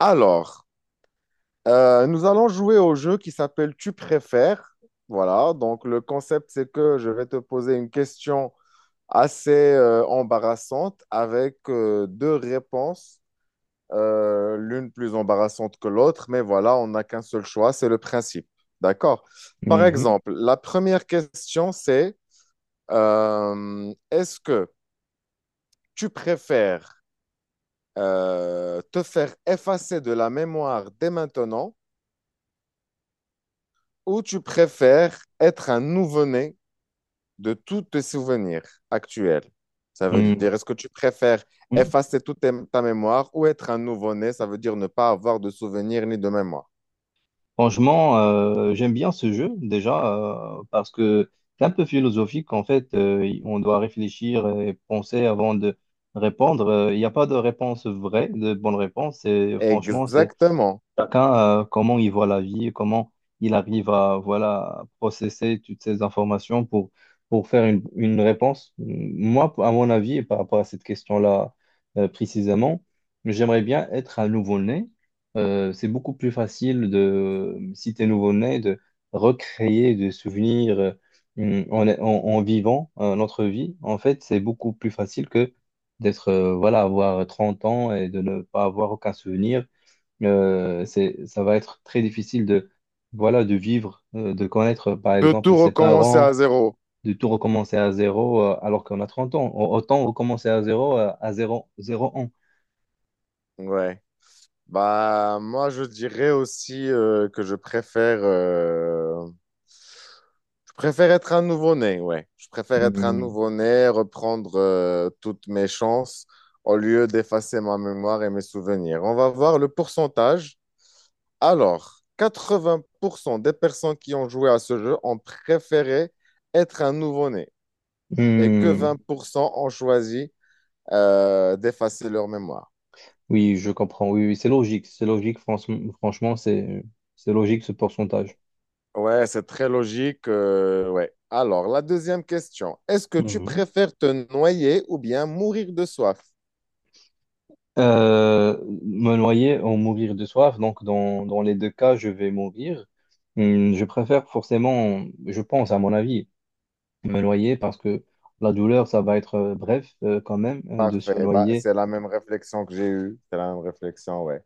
Alors, nous allons jouer au jeu qui s'appelle Tu préfères. Voilà, donc le concept, c'est que je vais te poser une question assez embarrassante avec deux réponses, l'une plus embarrassante que l'autre, mais voilà, on n'a qu'un seul choix, c'est le principe. D'accord? Par Mhm. exemple, la première question, c'est est-ce que tu préfères te faire effacer de la mémoire dès maintenant? Ou tu préfères être un nouveau-né de tous tes souvenirs actuels? Ça veut Mhm. dire, est-ce que tu préfères Mhm. effacer toute ta mémoire ou être un nouveau-né? Ça veut dire ne pas avoir de souvenirs ni de mémoire. Franchement, j'aime bien ce jeu déjà parce que c'est un peu philosophique en fait. On doit réfléchir et penser avant de répondre. Il n'y a pas de réponse vraie, de bonne réponse. Et franchement, c'est Exactement. chacun, comment il voit la vie, comment il arrive à voilà, processer toutes ces informations pour faire une réponse. Moi, à mon avis, et par rapport à cette question-là précisément, j'aimerais bien être un nouveau-né. C'est beaucoup plus facile de, si tu es nouveau-né, de recréer des souvenirs en, en vivant notre vie. En fait, c'est beaucoup plus facile que d'être, voilà, avoir 30 ans et de ne pas avoir aucun souvenir, c'est, ça va être très difficile de, voilà, de vivre, de connaître, par De exemple, tout ses recommencer à parents, zéro. de tout recommencer à zéro, alors qu'on a 30 ans. Autant recommencer à zéro, zéro ans. Ouais. Bah, moi, je dirais aussi que je préfère être un nouveau-né, ouais. Je préfère être un Hmm. nouveau-né, reprendre toutes mes chances au lieu d'effacer ma mémoire et mes souvenirs. On va voir le pourcentage. Alors, 80% des personnes qui ont joué à ce jeu ont préféré être un nouveau-né et que Hmm. 20% ont choisi d'effacer leur mémoire. Oui, je comprends. Oui, oui, c'est logique. C'est logique, franchement, c'est logique ce pourcentage. Ouais, c'est très logique. Ouais. Alors, la deuxième question. Est-ce que tu Mhm. préfères te noyer ou bien mourir de soif? Euh, Me noyer ou mourir de soif, donc dans les deux cas, je vais mourir. Hmm. Je préfère forcément, je pense à mon avis, me noyer parce que la douleur, ça va être bref quand même de se Parfait. Bah, noyer. c'est la même réflexion que j'ai eue. C'est la même réflexion, ouais.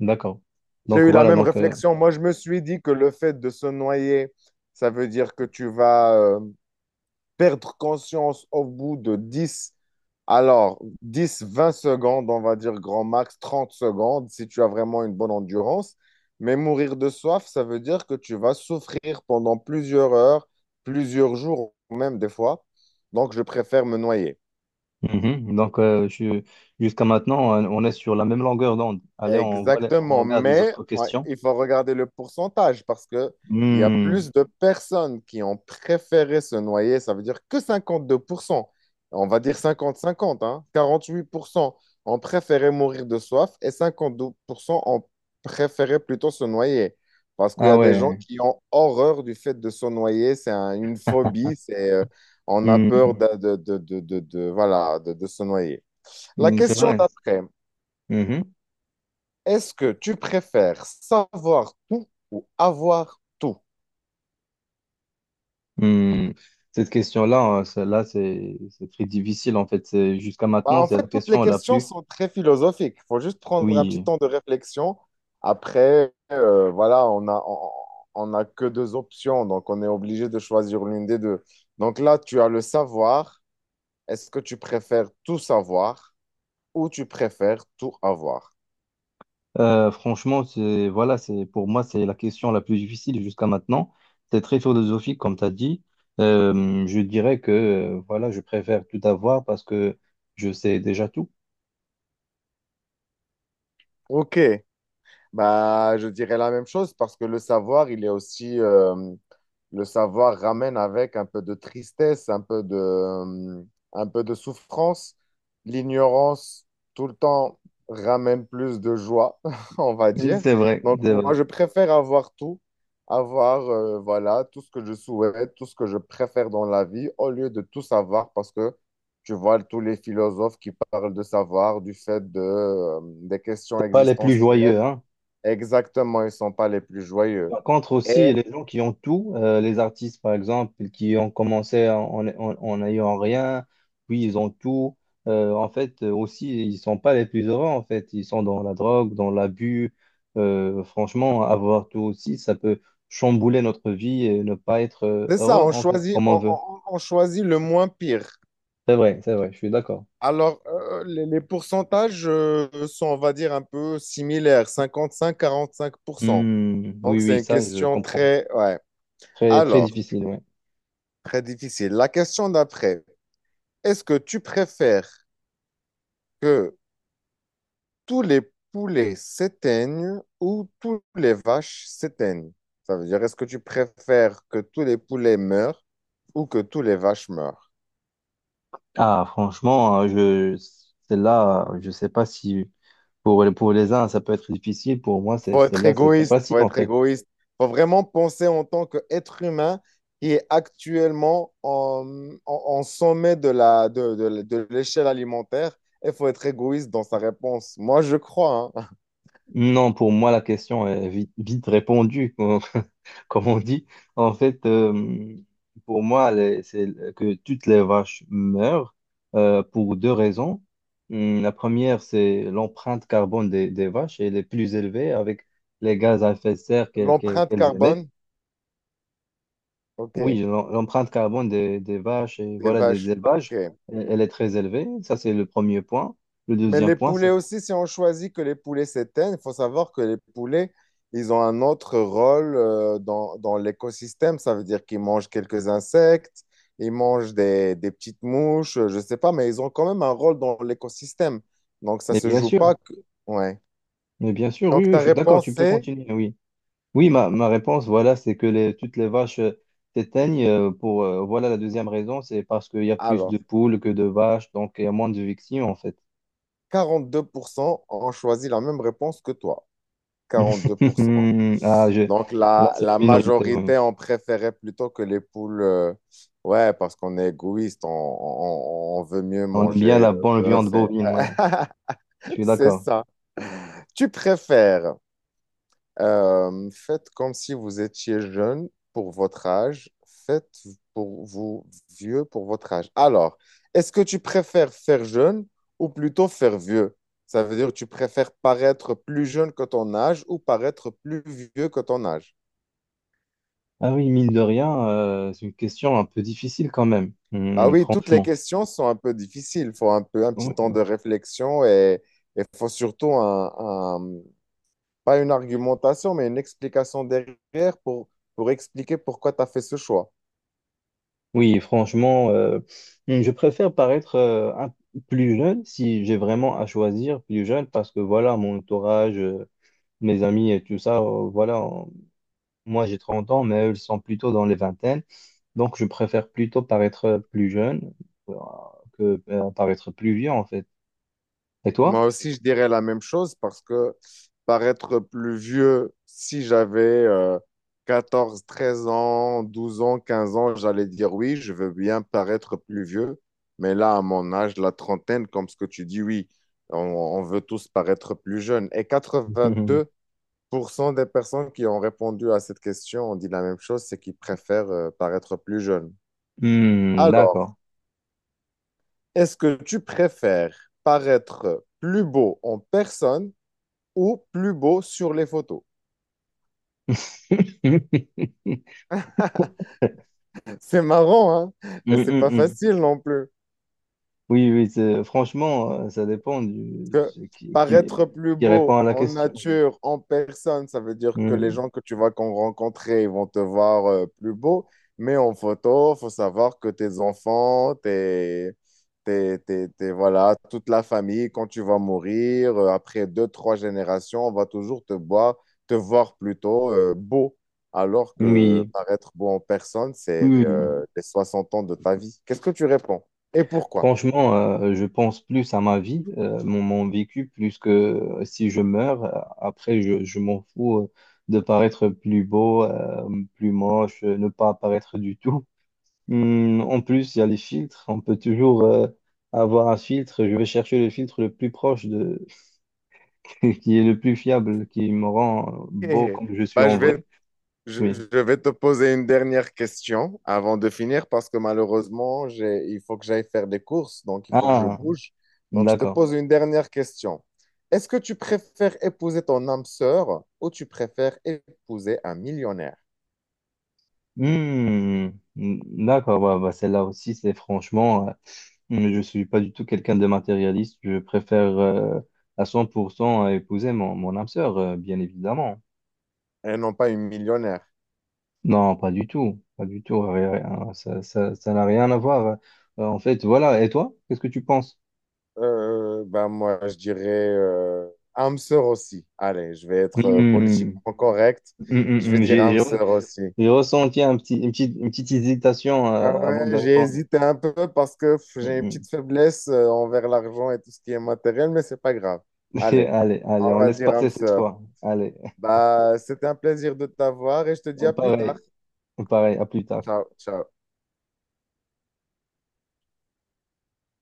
D'accord. J'ai Donc eu la voilà, même donc, réflexion. Moi, je me suis dit que le fait de se noyer, ça veut dire que tu vas, perdre conscience au bout de 10, alors 10, 20 secondes, on va dire grand max, 30 secondes, si tu as vraiment une bonne endurance. Mais mourir de soif, ça veut dire que tu vas souffrir pendant plusieurs heures, plusieurs jours, même des fois. Donc, je préfère me noyer. mhm. Donc jusqu'à maintenant, on est sur la même longueur d'onde. Allez, on, on Exactement, regarde les mais autres questions. il faut regarder le pourcentage parce que il y a Hmm. plus de personnes qui ont préféré se noyer, ça veut dire que 52%, on va dire 50-50, hein, 48% ont préféré mourir de soif et 52% ont préféré plutôt se noyer parce qu'il y Ah a des gens ouais. qui ont horreur du fait de se noyer, c'est une phobie, c'est on a peur Hmm. Voilà, de se noyer. La Hmm, c'est question vrai. d'après. Mhm. Est-ce que tu préfères savoir tout ou avoir tout? Hmm. Cette question-là, celle-là, c'est très difficile en fait. Jusqu'à Bah, maintenant, en c'est la fait, toutes les question la questions plus... sont très philosophiques. Il faut juste prendre un petit Oui. temps de réflexion. Après, voilà, on a que deux options, donc on est obligé de choisir l'une des deux. Donc là, tu as le savoir. Est-ce que tu préfères tout savoir ou tu préfères tout avoir? Franchement, c'est voilà, c'est pour moi, c'est la question la plus difficile jusqu'à maintenant. C'est très philosophique, comme tu as dit. Je dirais que voilà, je préfère tout avoir parce que je sais déjà tout. Ok. Bah, je dirais la même chose parce que le savoir, il est aussi, le savoir ramène avec un peu de tristesse, un peu de souffrance. L'ignorance, tout le temps, ramène plus de joie, on va dire. C'est vrai, Donc, c'est moi, vrai. je préfère avoir tout, avoir, voilà, tout ce que je souhaite, tout ce que je préfère dans la vie, au lieu de tout savoir parce que tu vois tous les philosophes qui parlent de savoir, du fait de, des questions C'est pas les plus joyeux, existentielles. hein. Exactement, ils ne sont pas les plus joyeux. Par contre aussi, Et les gens qui ont tout, les artistes par exemple, qui ont commencé en, en, en n'ayant rien, puis ils ont tout, en fait aussi, ils sont pas les plus heureux, en fait, ils sont dans la drogue, dans l'abus. Franchement, avoir tout aussi, ça peut chambouler notre vie et ne pas être c'est ça, heureux, on en fait, choisit, comme on veut. On choisit le moins pire. C'est vrai, je suis d'accord. Alors, les pourcentages sont, on va dire, un peu similaires, 55, 40%. Hmm, Donc, oui, oui, c'est une ça, je question comprends. très... Ouais. Très, très Alors, difficile, oui. très difficile. La question d'après, est-ce que tu préfères que tous les poulets s'éteignent ou tous les vaches s'éteignent? Ça veut dire, est-ce que tu préfères que tous les poulets meurent ou que tous les vaches meurent? Ah, franchement, je, celle-là, je sais pas si... pour les uns, ça peut être difficile. Pour moi, c'est, Faut être celle-là, c'est très égoïste, faut facile, en être fait. égoïste. Faut vraiment penser en tant qu'être humain qui est actuellement en sommet de la, de l'échelle alimentaire. Il faut être égoïste dans sa réponse. Moi, je crois, hein. Non, pour moi, la question est vite, vite répondue, comme, comme on dit. En fait, pour moi, c'est que toutes les vaches meurent pour deux raisons. La première, c'est l'empreinte carbone des vaches. Elle est plus élevée avec les gaz à effet de serre L'empreinte qu'elles émettent. carbone, ok. Oui, l'empreinte carbone des vaches et Les voilà, des vaches, ok. élevages, elle est très élevée. Ça, c'est le premier point. Le Mais deuxième les point, poulets c'est... aussi, si on choisit que les poulets s'éteignent, il faut savoir que les poulets, ils ont un autre rôle dans, dans l'écosystème. Ça veut dire qu'ils mangent quelques insectes, ils mangent des petites mouches, je ne sais pas, mais ils ont quand même un rôle dans l'écosystème. Donc, ça ne Mais se bien joue sûr, pas. Ouais. mais bien sûr, oui, Donc, oui, ta je suis d'accord, tu réponse peux est, continuer, oui. Oui, ma réponse, voilà, c'est que les, toutes les vaches s'éteignent pour, voilà, la deuxième raison, c'est parce qu'il y a plus de alors, poules que de vaches, donc il y a moins de victimes, en fait. 42% ont choisi la même réponse que toi. 42%. Ah, je... Donc, Là, la, c'est la la minorité, oui. majorité, on préférait plutôt que les poules. Ouais, parce qu'on est égoïste, on veut mieux On aime manger bien la bonne viande bœuf. Et- bovine, ouais. Je suis C'est d'accord. ça. Tu préfères, faites comme si vous étiez jeune pour votre âge, faites pour vous vieux pour votre âge. Alors, est-ce que tu préfères faire jeune ou plutôt faire vieux? Ça veut dire que tu préfères paraître plus jeune que ton âge ou paraître plus vieux que ton âge? Ah oui, mine de rien, c'est une question un peu difficile quand même, Ah hmm, oui, toutes les franchement. questions sont un peu difficiles. Il faut un peu un petit temps de réflexion et il faut surtout un- pas une argumentation, mais une explication derrière pour expliquer pourquoi tu as fait ce choix. Oui, franchement, je préfère paraître plus jeune si j'ai vraiment à choisir plus jeune parce que voilà, mon entourage, mes amis et tout ça, voilà, on- moi j'ai 30 ans, mais eux ils sont plutôt dans les vingtaines. Donc je préfère plutôt paraître plus jeune euh, que paraître plus vieux en fait. Et toi? Moi aussi, je dirais la même chose parce que paraître plus vieux, si j'avais euh, 14, 13 ans, 12 ans, 15 ans, j'allais dire oui, je veux bien paraître plus vieux. Mais là, à mon âge, la trentaine, comme ce que tu dis, oui, on veut tous paraître plus jeunes. Et quatre-vingt-deux pour cent des personnes qui ont répondu à cette question ont dit la même chose, c'est qu'ils préfèrent paraître plus jeunes. Hmm, Alors, d'accord. est-ce que tu préfères paraître plus beau en personne? Ou plus beau sur les photos. C'est marrant, hein? Mm, Et c'est mm, pas mm. facile non plus. Oui, oui, franchement, ça dépend du Que ce paraître plus qui répond beau à la en question. nature, en personne, ça veut dire que les Mm. gens que tu vas rencontrer, ils vont te voir plus beau. Mais en photo, faut savoir que tes enfants, voilà, toute la famille, quand tu vas mourir, après deux, trois générations, on va toujours te voir plutôt beau. Alors que Oui, paraître beau en personne, c'est oui, oui. Mm. Les 60 ans de ta vie. Qu'est-ce que tu réponds? Et pourquoi? Franchement, je pense plus à ma vie, mon, mon vécu, plus que si je meurs. Après, je m'en fous de paraître plus beau, plus moche, ne pas apparaître du tout. Hmm, en plus, il y a les filtres. On peut toujours avoir un filtre. Je vais chercher le filtre le plus proche de, qui est le plus fiable, qui me rend beau comme je suis Bah, je en vais vrai. Oui. je vais te poser une dernière question avant de finir parce que malheureusement, il faut que j'aille faire des courses, donc il faut que je Ah, bouge. Donc, je te d'accord. pose une dernière question. Est-ce que tu préfères épouser ton âme sœur ou tu préfères épouser un millionnaire? Hmm. Hmm, d'accord, bah, bah, celle-là aussi, c'est franchement, hmm, je suis pas du tout quelqu'un de matérialiste, je préfère à 100% épouser mon, mon âme sœur, bien évidemment. Et non pas une millionnaire. Non, pas du tout, pas du tout, rien, ça n'a rien à voir. En fait, voilà, et toi, qu'est-ce que tu penses? Ben moi, je dirais âme sœur aussi. Allez, je vais être Hmm, politiquement correct. hmm, hmm, Je vais hmm, dire j'ai âme sœur aussi. j'ai ressenti un petit, une petite hésitation Ah avant de ouais, j'ai répondre. hésité un peu parce que Hmm, j'ai une hmm. petite faiblesse envers l'argent et tout ce qui est matériel, mais c'est pas grave. Allez, Allez, allez, on on va laisse dire âme passer cette sœur. fois. Allez, Bah, c'était un plaisir de t'avoir et je te dis à plus tard. pareil, pareil, à plus tard. Ciao, ciao.